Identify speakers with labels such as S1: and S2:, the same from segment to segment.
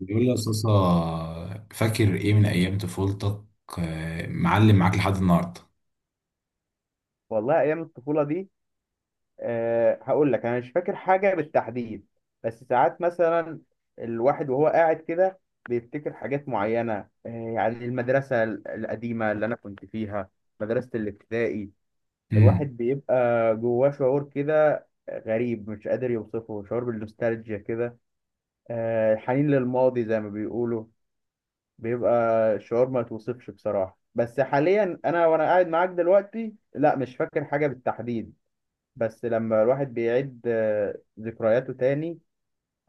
S1: بيقول لي يا صاصة، فاكر ايه من ايام طفولتك؟ معلم معاك لحد النهارده.
S2: والله ايام الطفوله دي. هقول لك انا مش فاكر حاجه بالتحديد. بس ساعات مثلا الواحد وهو قاعد كده بيفتكر حاجات معينه. يعني المدرسه القديمه اللي انا كنت فيها، مدرسه الابتدائي. الواحد
S1: امم
S2: بيبقى جواه شعور كده غريب، مش قادر يوصفه، شعور بالنوستالجيا كده. حنين للماضي زي ما بيقولوا. بيبقى شعور ما يتوصفش بصراحه. بس حاليا انا وانا قاعد معاك دلوقتي، لا مش فاكر حاجه بالتحديد. بس لما الواحد بيعيد ذكرياته تاني،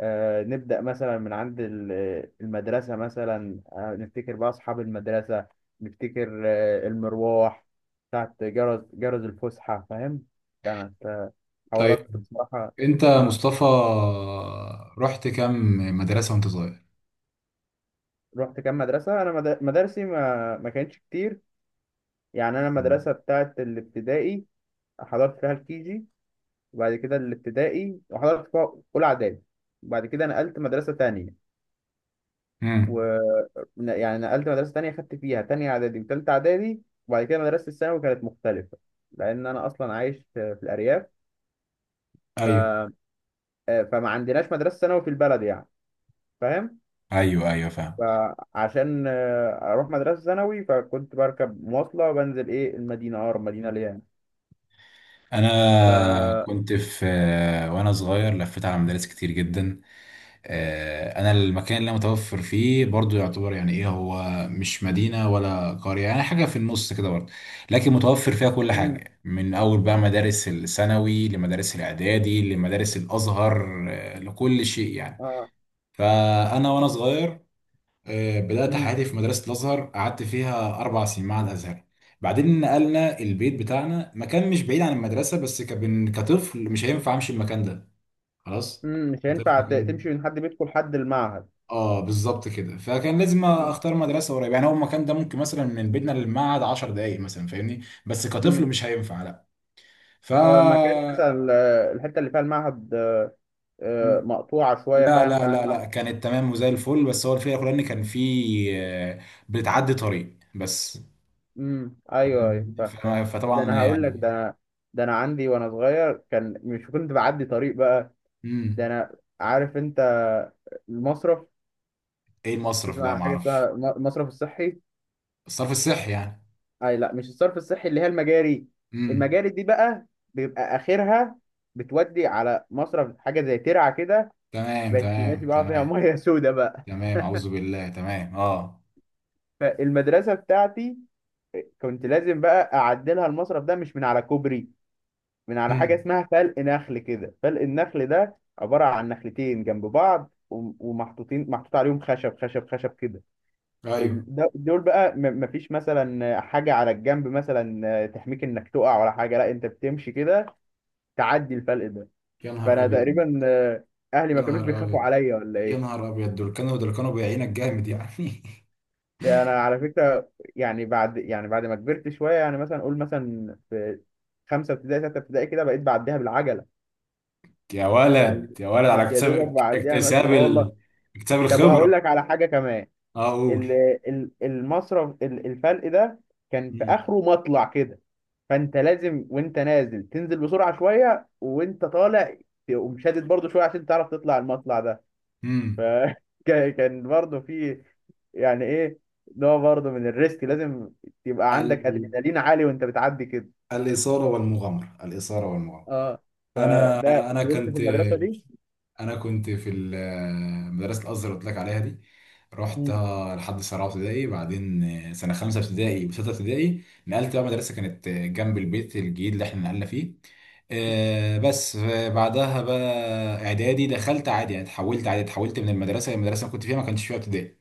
S2: نبدأ مثلا من عند المدرسة مثلا، نفتكر بقى أصحاب المدرسة، نفتكر المروح، بتاعت جرس الفسحة، فاهم. كانت
S1: طيب،
S2: حوارات بصراحة.
S1: انت
S2: آه.
S1: مصطفى، رحت كام مدرسة وانت صغير؟
S2: رحت كام مدرسة، أنا مدارسي ما كانتش كتير. يعني أنا المدرسة بتاعت الابتدائي حضرت فيها الكيجي، وبعد كده الابتدائي وحضرت فيها أولى إعدادي، وبعد كده نقلت مدرسة تانية. و
S1: امم
S2: يعني نقلت مدرسة تانية خدت فيها تانية إعدادي وتالتة إعدادي. وبعد كده مدرسة الثانوي كانت مختلفة، لأن أنا أصلا عايش في الأرياف. ف...
S1: ايوه
S2: آه، فما عندناش مدرسة ثانوي في البلد يعني، فاهم.
S1: ايوه فاهم.
S2: فعشان أروح مدرسة ثانوي، فكنت بركب مواصلة وبنزل إيه المدينة، أقرب مدينة ليا يعني. ف
S1: انا كنت في آه، وانا صغير لفيت على مدارس كتير جدا. انا المكان اللي أنا متوفر فيه برضو يعتبر يعني ايه هو، مش مدينه ولا قريه، يعني حاجه في النص كده برضو، لكن متوفر فيها كل
S2: مم.
S1: حاجه من اول بقى، مدارس الثانوي لمدارس الاعدادي لمدارس الازهر، لكل شيء يعني.
S2: آه.
S1: فانا وانا صغير، بدات
S2: مم.
S1: حياتي في مدرسه الازهر، قعدت فيها 4 سنين مع الازهر. بعدين نقلنا البيت بتاعنا مكان مش بعيد عن المدرسه، بس كطفل مش هينفع امشي المكان ده، خلاص.
S2: مم. مش
S1: كطفل
S2: هينفع
S1: مكان،
S2: تمشي من حد بيتكم لحد المعهد.
S1: اه بالظبط كده. فكان لازم
S2: مم.
S1: اختار مدرسه قريبه، يعني هو المكان ده ممكن مثلا من بيتنا للمعهد 10 دقائق مثلا، فاهمني؟ بس كطفل
S2: مم.
S1: مش هينفع لا. ف
S2: اه، المكان مثلا الحتة اللي فيها المعهد مقطوعة شوية،
S1: لا
S2: فاهم فاهم.
S1: كانت تمام وزي الفل، بس هو الفكره كلها ان كان في، آه، بتعدي طريق بس.
S2: امم، ايوه ايوه
S1: فاهمني؟
S2: فاهم.
S1: ف-
S2: ده
S1: فطبعا
S2: انا هقول لك، ده
S1: يعني.
S2: انا، ده انا عندي وانا صغير كان مش كنت بعدي طريق بقى. ده
S1: امم
S2: انا عارف انت، المصرف.
S1: ايه المصرف
S2: تسمع
S1: ده؟ ما
S2: عن حاجه
S1: اعرفش.
S2: اسمها المصرف الصحي؟
S1: الصرف الصحي يعني؟
S2: اي، لا مش الصرف الصحي اللي هي المجاري.
S1: امم
S2: المجاري دي بقى بيبقى اخرها بتودي على مصرف، حاجه زي ترعه كده.
S1: تمام
S2: بقت ماشي بقى فيها ميه سودا بقى.
S1: تمام، اعوذ بالله، تمام اه.
S2: فالمدرسه بتاعتي كنت لازم بقى اعدلها المصرف ده، مش من على كوبري، من على حاجة
S1: امم
S2: اسمها فلق نخل كده. فلق النخل ده عبارة عن نخلتين جنب بعض ومحطوطين، محطوط عليهم خشب كده.
S1: ايوه.
S2: دول بقى مفيش مثلا حاجة على الجنب مثلا تحميك انك تقع ولا حاجة، لا انت بتمشي كده، تعدي الفلق ده.
S1: يا نهار
S2: فانا
S1: ابيض،
S2: تقريبا اهلي
S1: يا
S2: ما كانوش
S1: نهار
S2: بيخافوا
S1: ابيض،
S2: عليا ولا
S1: يا
S2: ايه.
S1: نهار ابيض. دول كانوا بيعينك جامد يعني.
S2: ده انا على فكرة، يعني بعد، يعني بعد ما كبرت شوية يعني، مثلا اقول مثلا في خمسة ابتدائي ستة ابتدائي كده، بقيت بعديها بالعجلة.
S1: يا
S2: يعني
S1: ولد يا ولد،
S2: مش
S1: على
S2: يا دوبك بعديها ماشي،
S1: اكتساب
S2: اه والله.
S1: ال... اكتساب
S2: طب وهقول
S1: الخبره.
S2: لك على حاجه كمان.
S1: اقول.
S2: ال- المصرف الفرق ده كان في
S1: امم
S2: اخره مطلع كده. فانت لازم وانت نازل تنزل بسرعه شويه، وانت طالع تقوم شادد برضه شويه عشان تعرف تطلع المطلع ده.
S1: امم
S2: فكان برضه في يعني ايه، نوع برضه من الريسك، لازم يبقى عندك
S1: ال...
S2: ادرينالين عالي وانت بتعدي كده.
S1: الاثاره والمغامره، الاثاره والمغامره.
S2: اه.
S1: انا
S2: فده
S1: انا
S2: فضلت في
S1: كنت
S2: المدرسه دي.
S1: انا كنت في مدرسه الازهر اللي قلت لك عليها دي، رحت
S2: مم.
S1: لحد سنه رابعه ابتدائي. بعدين سنه خمسه ابتدائي وسته ابتدائي نقلت بقى مدرسه كانت جنب البيت الجديد اللي احنا نقلنا فيه، بس. بعدها بقى اعدادي، دخلت عادي يعني، اتحولت عادي، اتحولت من المدرسه المدرسه اللي كنت فيها ما كانش فيها ابتدائي،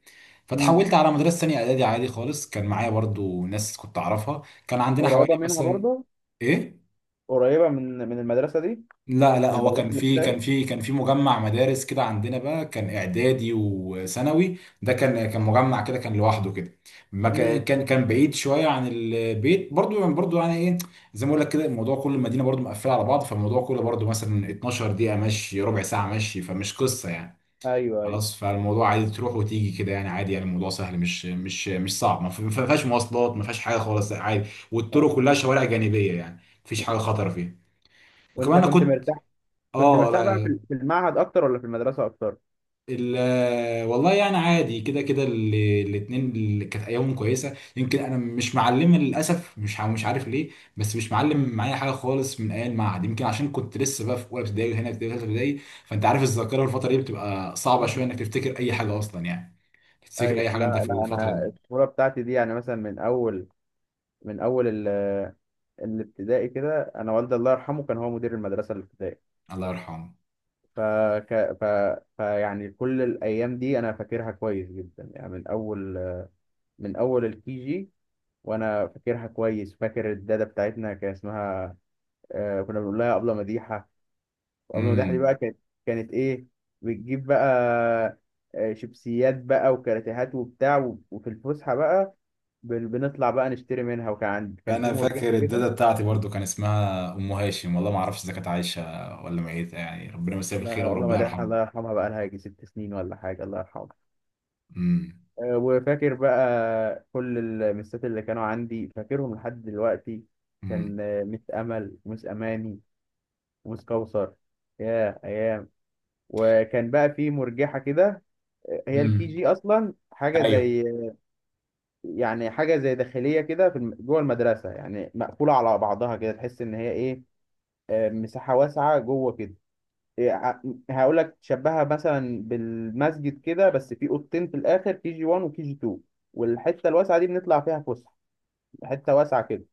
S2: مم.
S1: فاتحولت على مدرسه ثانيه اعدادي عادي خالص. كان معايا برضو ناس كنت اعرفها. كان عندنا حوالي
S2: قريبه منها
S1: مثلا،
S2: برضه،
S1: ايه؟
S2: قريبه من من المدرسه دي،
S1: لا لا،
S2: من
S1: هو
S2: المدرسه
S1: كان في
S2: الابتدائي.
S1: مجمع مدارس كده عندنا بقى، كان اعدادي وثانوي، ده كان مجمع كده، كان لوحده كده. ما كا-
S2: مم.
S1: كان كان بعيد شويه عن البيت برضو، يعني برضو يعني ايه، زي ما اقول لك كده، الموضوع كل المدينه برضو مقفله على بعض، فالموضوع كله برضو مثلا 12 دقيقه مشي، ربع ساعه مشي، فمش قصه يعني.
S2: ايوه ايوه.
S1: خلاص، فالموضوع عادي، تروح وتيجي كده يعني عادي، يعني الموضوع سهل، مش صعب، ما فيهاش مواصلات، ما فيهاش حاجه خالص، عادي،
S2: آه.
S1: والطرق كلها شوارع جانبيه يعني مفيش حاجه خطر فيها. وكمان
S2: وانت
S1: انا
S2: كنت
S1: كنت،
S2: مرتاح، كنت
S1: اه.
S2: مرتاح بقى في المعهد اكتر ولا في المدرسه اكتر؟
S1: والله يعني عادي كده كده. الاتنين اللي كانت ايامهم كويسه، يمكن انا مش معلمه للاسف، مش عارف ليه، بس مش معلم
S2: م-
S1: معايا حاجه خالص من ايام المعهد، يمكن عشان كنت لسه بقى في اولى ابتدائي وهنا في ثالثه ابتدائي. فانت عارف الذاكره الفتره دي بتبقى صعبه شويه
S2: م-
S1: انك تفتكر اي حاجه اصلا يعني، تفتكر
S2: ايوه،
S1: اي حاجه
S2: لا
S1: انت في
S2: لا،
S1: الفتره دي.
S2: انا الطفوله بتاعتي دي يعني مثلا من اول، من اول الابتدائي كده، انا والدي الله يرحمه كان هو مدير المدرسه الابتدائي.
S1: الله يرحمه.
S2: فك... ف... فيعني كل الايام دي انا فاكرها كويس جدا يعني، من اول من اول الكي جي. وانا فاكرها كويس، فاكر الداده بتاعتنا كان اسمها كنا بنقول لها ابله مديحه. وابله مداح دي
S1: امم
S2: بقى كانت، كانت ايه، بتجيب بقى شيبسيات بقى وكراتيهات وبتاع، وفي الفسحه بقى بنطلع بقى نشتري منها. وكان عند، كان في
S1: انا فاكر
S2: مرجحه كده.
S1: الداده بتاعتي برضو، كان اسمها ام هاشم، والله ما اعرفش اذا كانت عايشه ولا ميته، يعني ربنا يمسيها بالخير
S2: لا ابله
S1: وربنا
S2: مداح
S1: يرحمها.
S2: الله يرحمها بقى، لها يجي 6 سنين ولا حاجه، الله يرحمها.
S1: امم
S2: وفاكر بقى كل المسات اللي كانوا عندي، فاكرهم لحد دلوقتي.
S1: امم
S2: كان مس امل، ومس اماني، ومس كوثر. يا ايام. وكان بقى في مرجحه كده. هي الكي
S1: امم
S2: جي اصلا حاجه
S1: ايوه
S2: زي، يعني حاجه زي داخليه كده في جوه المدرسه، يعني مقفوله على بعضها كده، تحس ان هي ايه، مساحه واسعه جوه كده. هقول لك تشبهها مثلا بالمسجد كده، بس في اوضتين في الاخر، كي جي 1 وكي جي 2. والحته الواسعه دي بنطلع فيها فسحه، حته واسعه كده،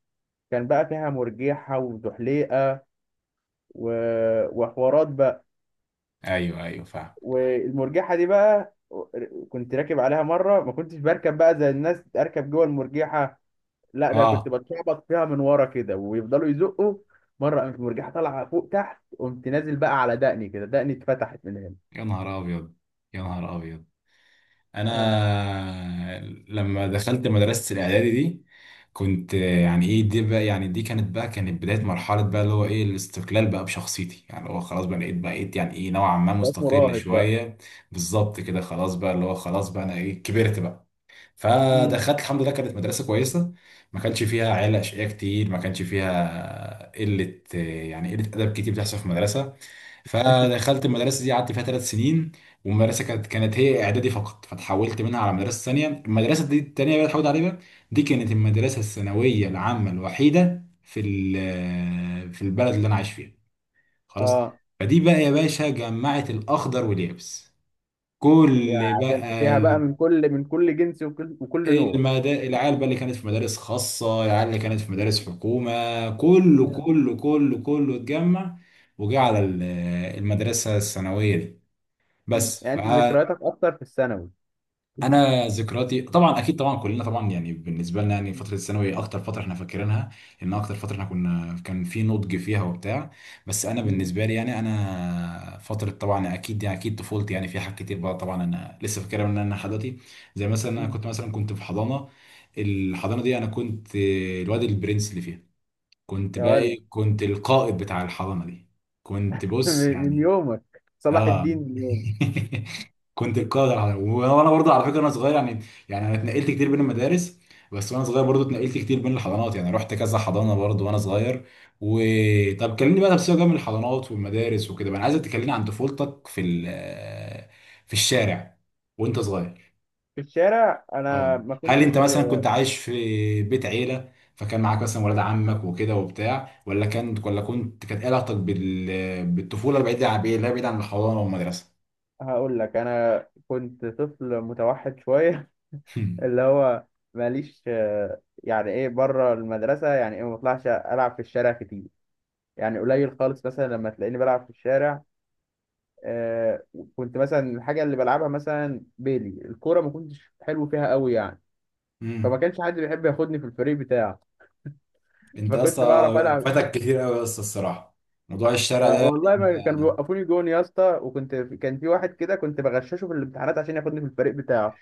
S2: كان بقى فيها مرجحه وزحليقه و... وحوارات بقى.
S1: ايوه فاهم.
S2: والمرجحه دي بقى، كنت راكب عليها مره، ما كنتش بركب بقى زي الناس اركب جوه المرجحه، لا ده كنت
S1: اه.
S2: بتشعبط فيها من ورا كده ويفضلوا يزقوا. مره قامت المرجحه طالعه فوق تحت، قمت نازل بقى على دقني كده، دقني اتفتحت من هنا.
S1: يا نهار ابيض، يا نهار ابيض.
S2: اه.
S1: انا لما دخلت مدرسه الاعدادي دي، كنت يعني ايه، دي بقى يعني دي كانت بقى كانت بدايه مرحله بقى اللي هو ايه، الاستقلال بقى بشخصيتي، يعني هو خلاص بقى لقيت بقيت يعني ايه نوعا ما
S2: بقيت
S1: مستقل
S2: مراهق بقى.
S1: شويه. بالظبط كده، خلاص بقى اللي هو خلاص بقى انا ايه كبرت بقى.
S2: امم.
S1: فدخلت، الحمد لله، كانت مدرسة كويسة، ما كانش فيها عيال أشقياء كتير، ما كانش فيها قلة يعني قلة أدب كتير بتحصل في المدرسة. فدخلت المدرسة دي قعدت فيها 3 سنين. والمدرسة كانت كانت هي إعدادي فقط، فتحولت منها على مدرسة ثانية. المدرسة دي التانية اللي اتحولت عليها، دي كانت المدرسة الثانوية العامة الوحيدة في في البلد اللي أنا عايش فيها، خلاص.
S2: اه.
S1: فدي بقى يا باشا جمعت الأخضر واليابس، كل
S2: يعني عشان
S1: بقى
S2: فيها بقى من كل جنس، وكل نوع.
S1: العيال بقى اللي كانت في مدارس خاصة، العيال اللي كانت في مدارس حكومة،
S2: يا.
S1: كله اتجمع وجه على المدرسة الثانوية دي،
S2: مم.
S1: بس. ف.
S2: يعني انت ذكرياتك اكتر في الثانوي؟
S1: انا ذكرياتي طبعا اكيد طبعا كلنا طبعا يعني بالنسبه لنا يعني فتره الثانوي اكتر فتره احنا فاكرينها، لان اكتر فتره احنا كنا كان في نضج فيها وبتاع. بس انا
S2: امم.
S1: بالنسبه لي يعني انا فتره طبعا اكيد يعني اكيد طفولتي يعني في حاجات كتير بقى طبعا انا لسه فاكرها من انا لحد دلوقتي. زي مثلا انا
S2: امم.
S1: كنت مثلا كنت في حضانه، الحضانه دي انا كنت الواد البرنس اللي فيها، كنت
S2: يا
S1: بقى
S2: ولد.
S1: ايه، كنت القائد بتاع الحضانه دي، كنت بص
S2: من
S1: يعني،
S2: يومك صلاح
S1: اه.
S2: الدين، من يومك.
S1: كنت القادر على، وانا برضه على فكره انا صغير يعني، يعني انا اتنقلت كتير بين المدارس، بس وانا صغير برضه اتنقلت كتير بين الحضانات، يعني رحت كذا حضانه برضه وانا صغير. وطب كلمني بقى، بس جنب الحضانات والمدارس وكده بقى، انا عايزك تكلمني عن طفولتك في ال... آه، في الشارع وانت صغير.
S2: في الشارع انا
S1: اه
S2: ما
S1: هل انت
S2: كنتش.
S1: مثلا كنت عايش في بيت عيله فكان معاك مثلا ولاد عمك وكده وبتاع، ولا كان ولا كنت كانت علاقتك بالطفوله بعيده عن، لا بعيد عن الحضانه والمدرسه؟
S2: هقول لك، انا كنت طفل متوحد شويه، اللي هو ماليش يعني ايه بره المدرسه، يعني ايه ما بطلعش العب في الشارع كتير. يعني قليل خالص مثلا لما تلاقيني بلعب في الشارع. آه، كنت مثلا الحاجه اللي بلعبها مثلا بيلي الكوره، ما كنتش حلو فيها قوي يعني. فما كانش حد بيحب ياخدني في الفريق بتاعه.
S1: انت
S2: فكنت بعرف
S1: اصلا
S2: العب،
S1: فاتك كتير قوي اصلا الصراحه، موضوع الشارع ده يعني
S2: والله ما
S1: انت.
S2: كانوا بيوقفوني جون يا اسطى. وكنت، كان في واحد كده كنت بغششه في الامتحانات عشان ياخدني في الفريق بتاعه.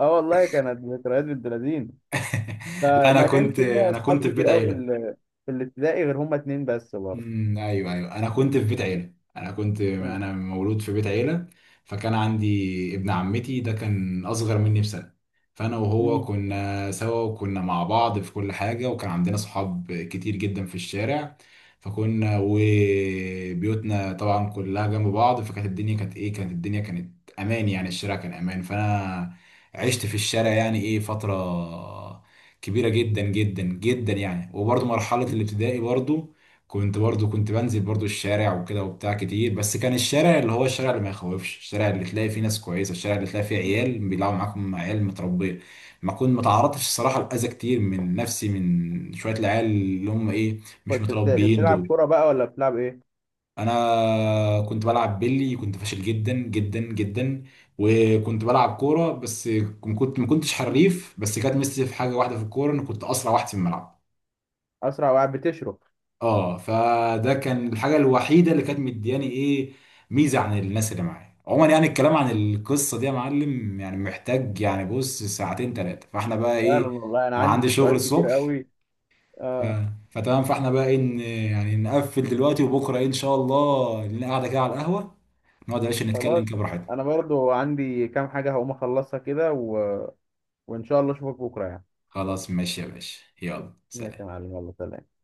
S2: اه والله كانت ذكريات بنت لذين.
S1: لا انا
S2: فما كانش
S1: كنت،
S2: ليا اصحاب
S1: في
S2: كتير
S1: بيت
S2: قوي في
S1: عيله.
S2: في الابتدائي غير هما اتنين بس برضه.
S1: ايوه انا كنت في بيت عيله، انا كنت،
S2: آه.
S1: انا مولود في بيت عيله. فكان عندي ابن عمتي ده كان اصغر مني بسنه، فانا وهو
S2: مم.
S1: كنا سوا وكنا مع بعض في كل حاجه، وكان عندنا صحاب كتير جدا في الشارع. فكنا وبيوتنا طبعا كلها جنب بعض، فكانت الدنيا كانت ايه، كانت الدنيا كانت امان يعني، الشارع كان امان، فانا عشت في الشارع يعني ايه فتره كبيره جدا جدا جدا يعني. وبرضه مرحله الابتدائي برضه كنت برضو كنت بنزل برضو الشارع وكده وبتاع كتير، بس كان الشارع اللي هو الشارع اللي ما يخوفش، الشارع اللي تلاقي فيه ناس كويسه، الشارع اللي تلاقي فيه
S2: مم.
S1: عيال بيلعبوا معاكم، عيال متربيه. ما تعرضتش الصراحه لاذى كتير من نفسي من شويه العيال اللي هم ايه، مش
S2: كنت
S1: متربيين
S2: بتلعب
S1: دول.
S2: كوره بقى ولا بتلعب ايه؟
S1: انا كنت بلعب بيلي كنت فاشل جدا جدا جدا، وكنت بلعب كوره بس، ما كنتش
S2: مم.
S1: حريف، بس كانت ميزتي في حاجه واحده في الكوره ان كنت اسرع واحد في الملعب،
S2: اسرع واحد بتشرب.
S1: اه. فده كان الحاجه الوحيده اللي كانت مدياني ايه، ميزه عن الناس اللي معايا عموما يعني. الكلام عن القصه دي يا معلم يعني محتاج يعني بص ساعتين ثلاثه، فاحنا بقى
S2: فعلا
S1: ايه،
S2: والله انا
S1: انا
S2: عندي
S1: عندي شغل
S2: ذكريات كتير
S1: الصبح.
S2: قوي.
S1: ف...
S2: اه.
S1: فتمام، فاحنا بقى ايه، يعني نقفل دلوقتي، وبكره ايه ان شاء الله نقعد كده على القهوه، نقعد يا باشا نتكلم
S2: خلاص.
S1: كده براحتنا.
S2: انا برضو عندي كام حاجه هقوم اخلصها كده وان شاء الله اشوفك بكره يعني.
S1: خلاص ماشي يا باشا، يلا
S2: ماشي يا
S1: سلام.
S2: معلم، يلا سلام.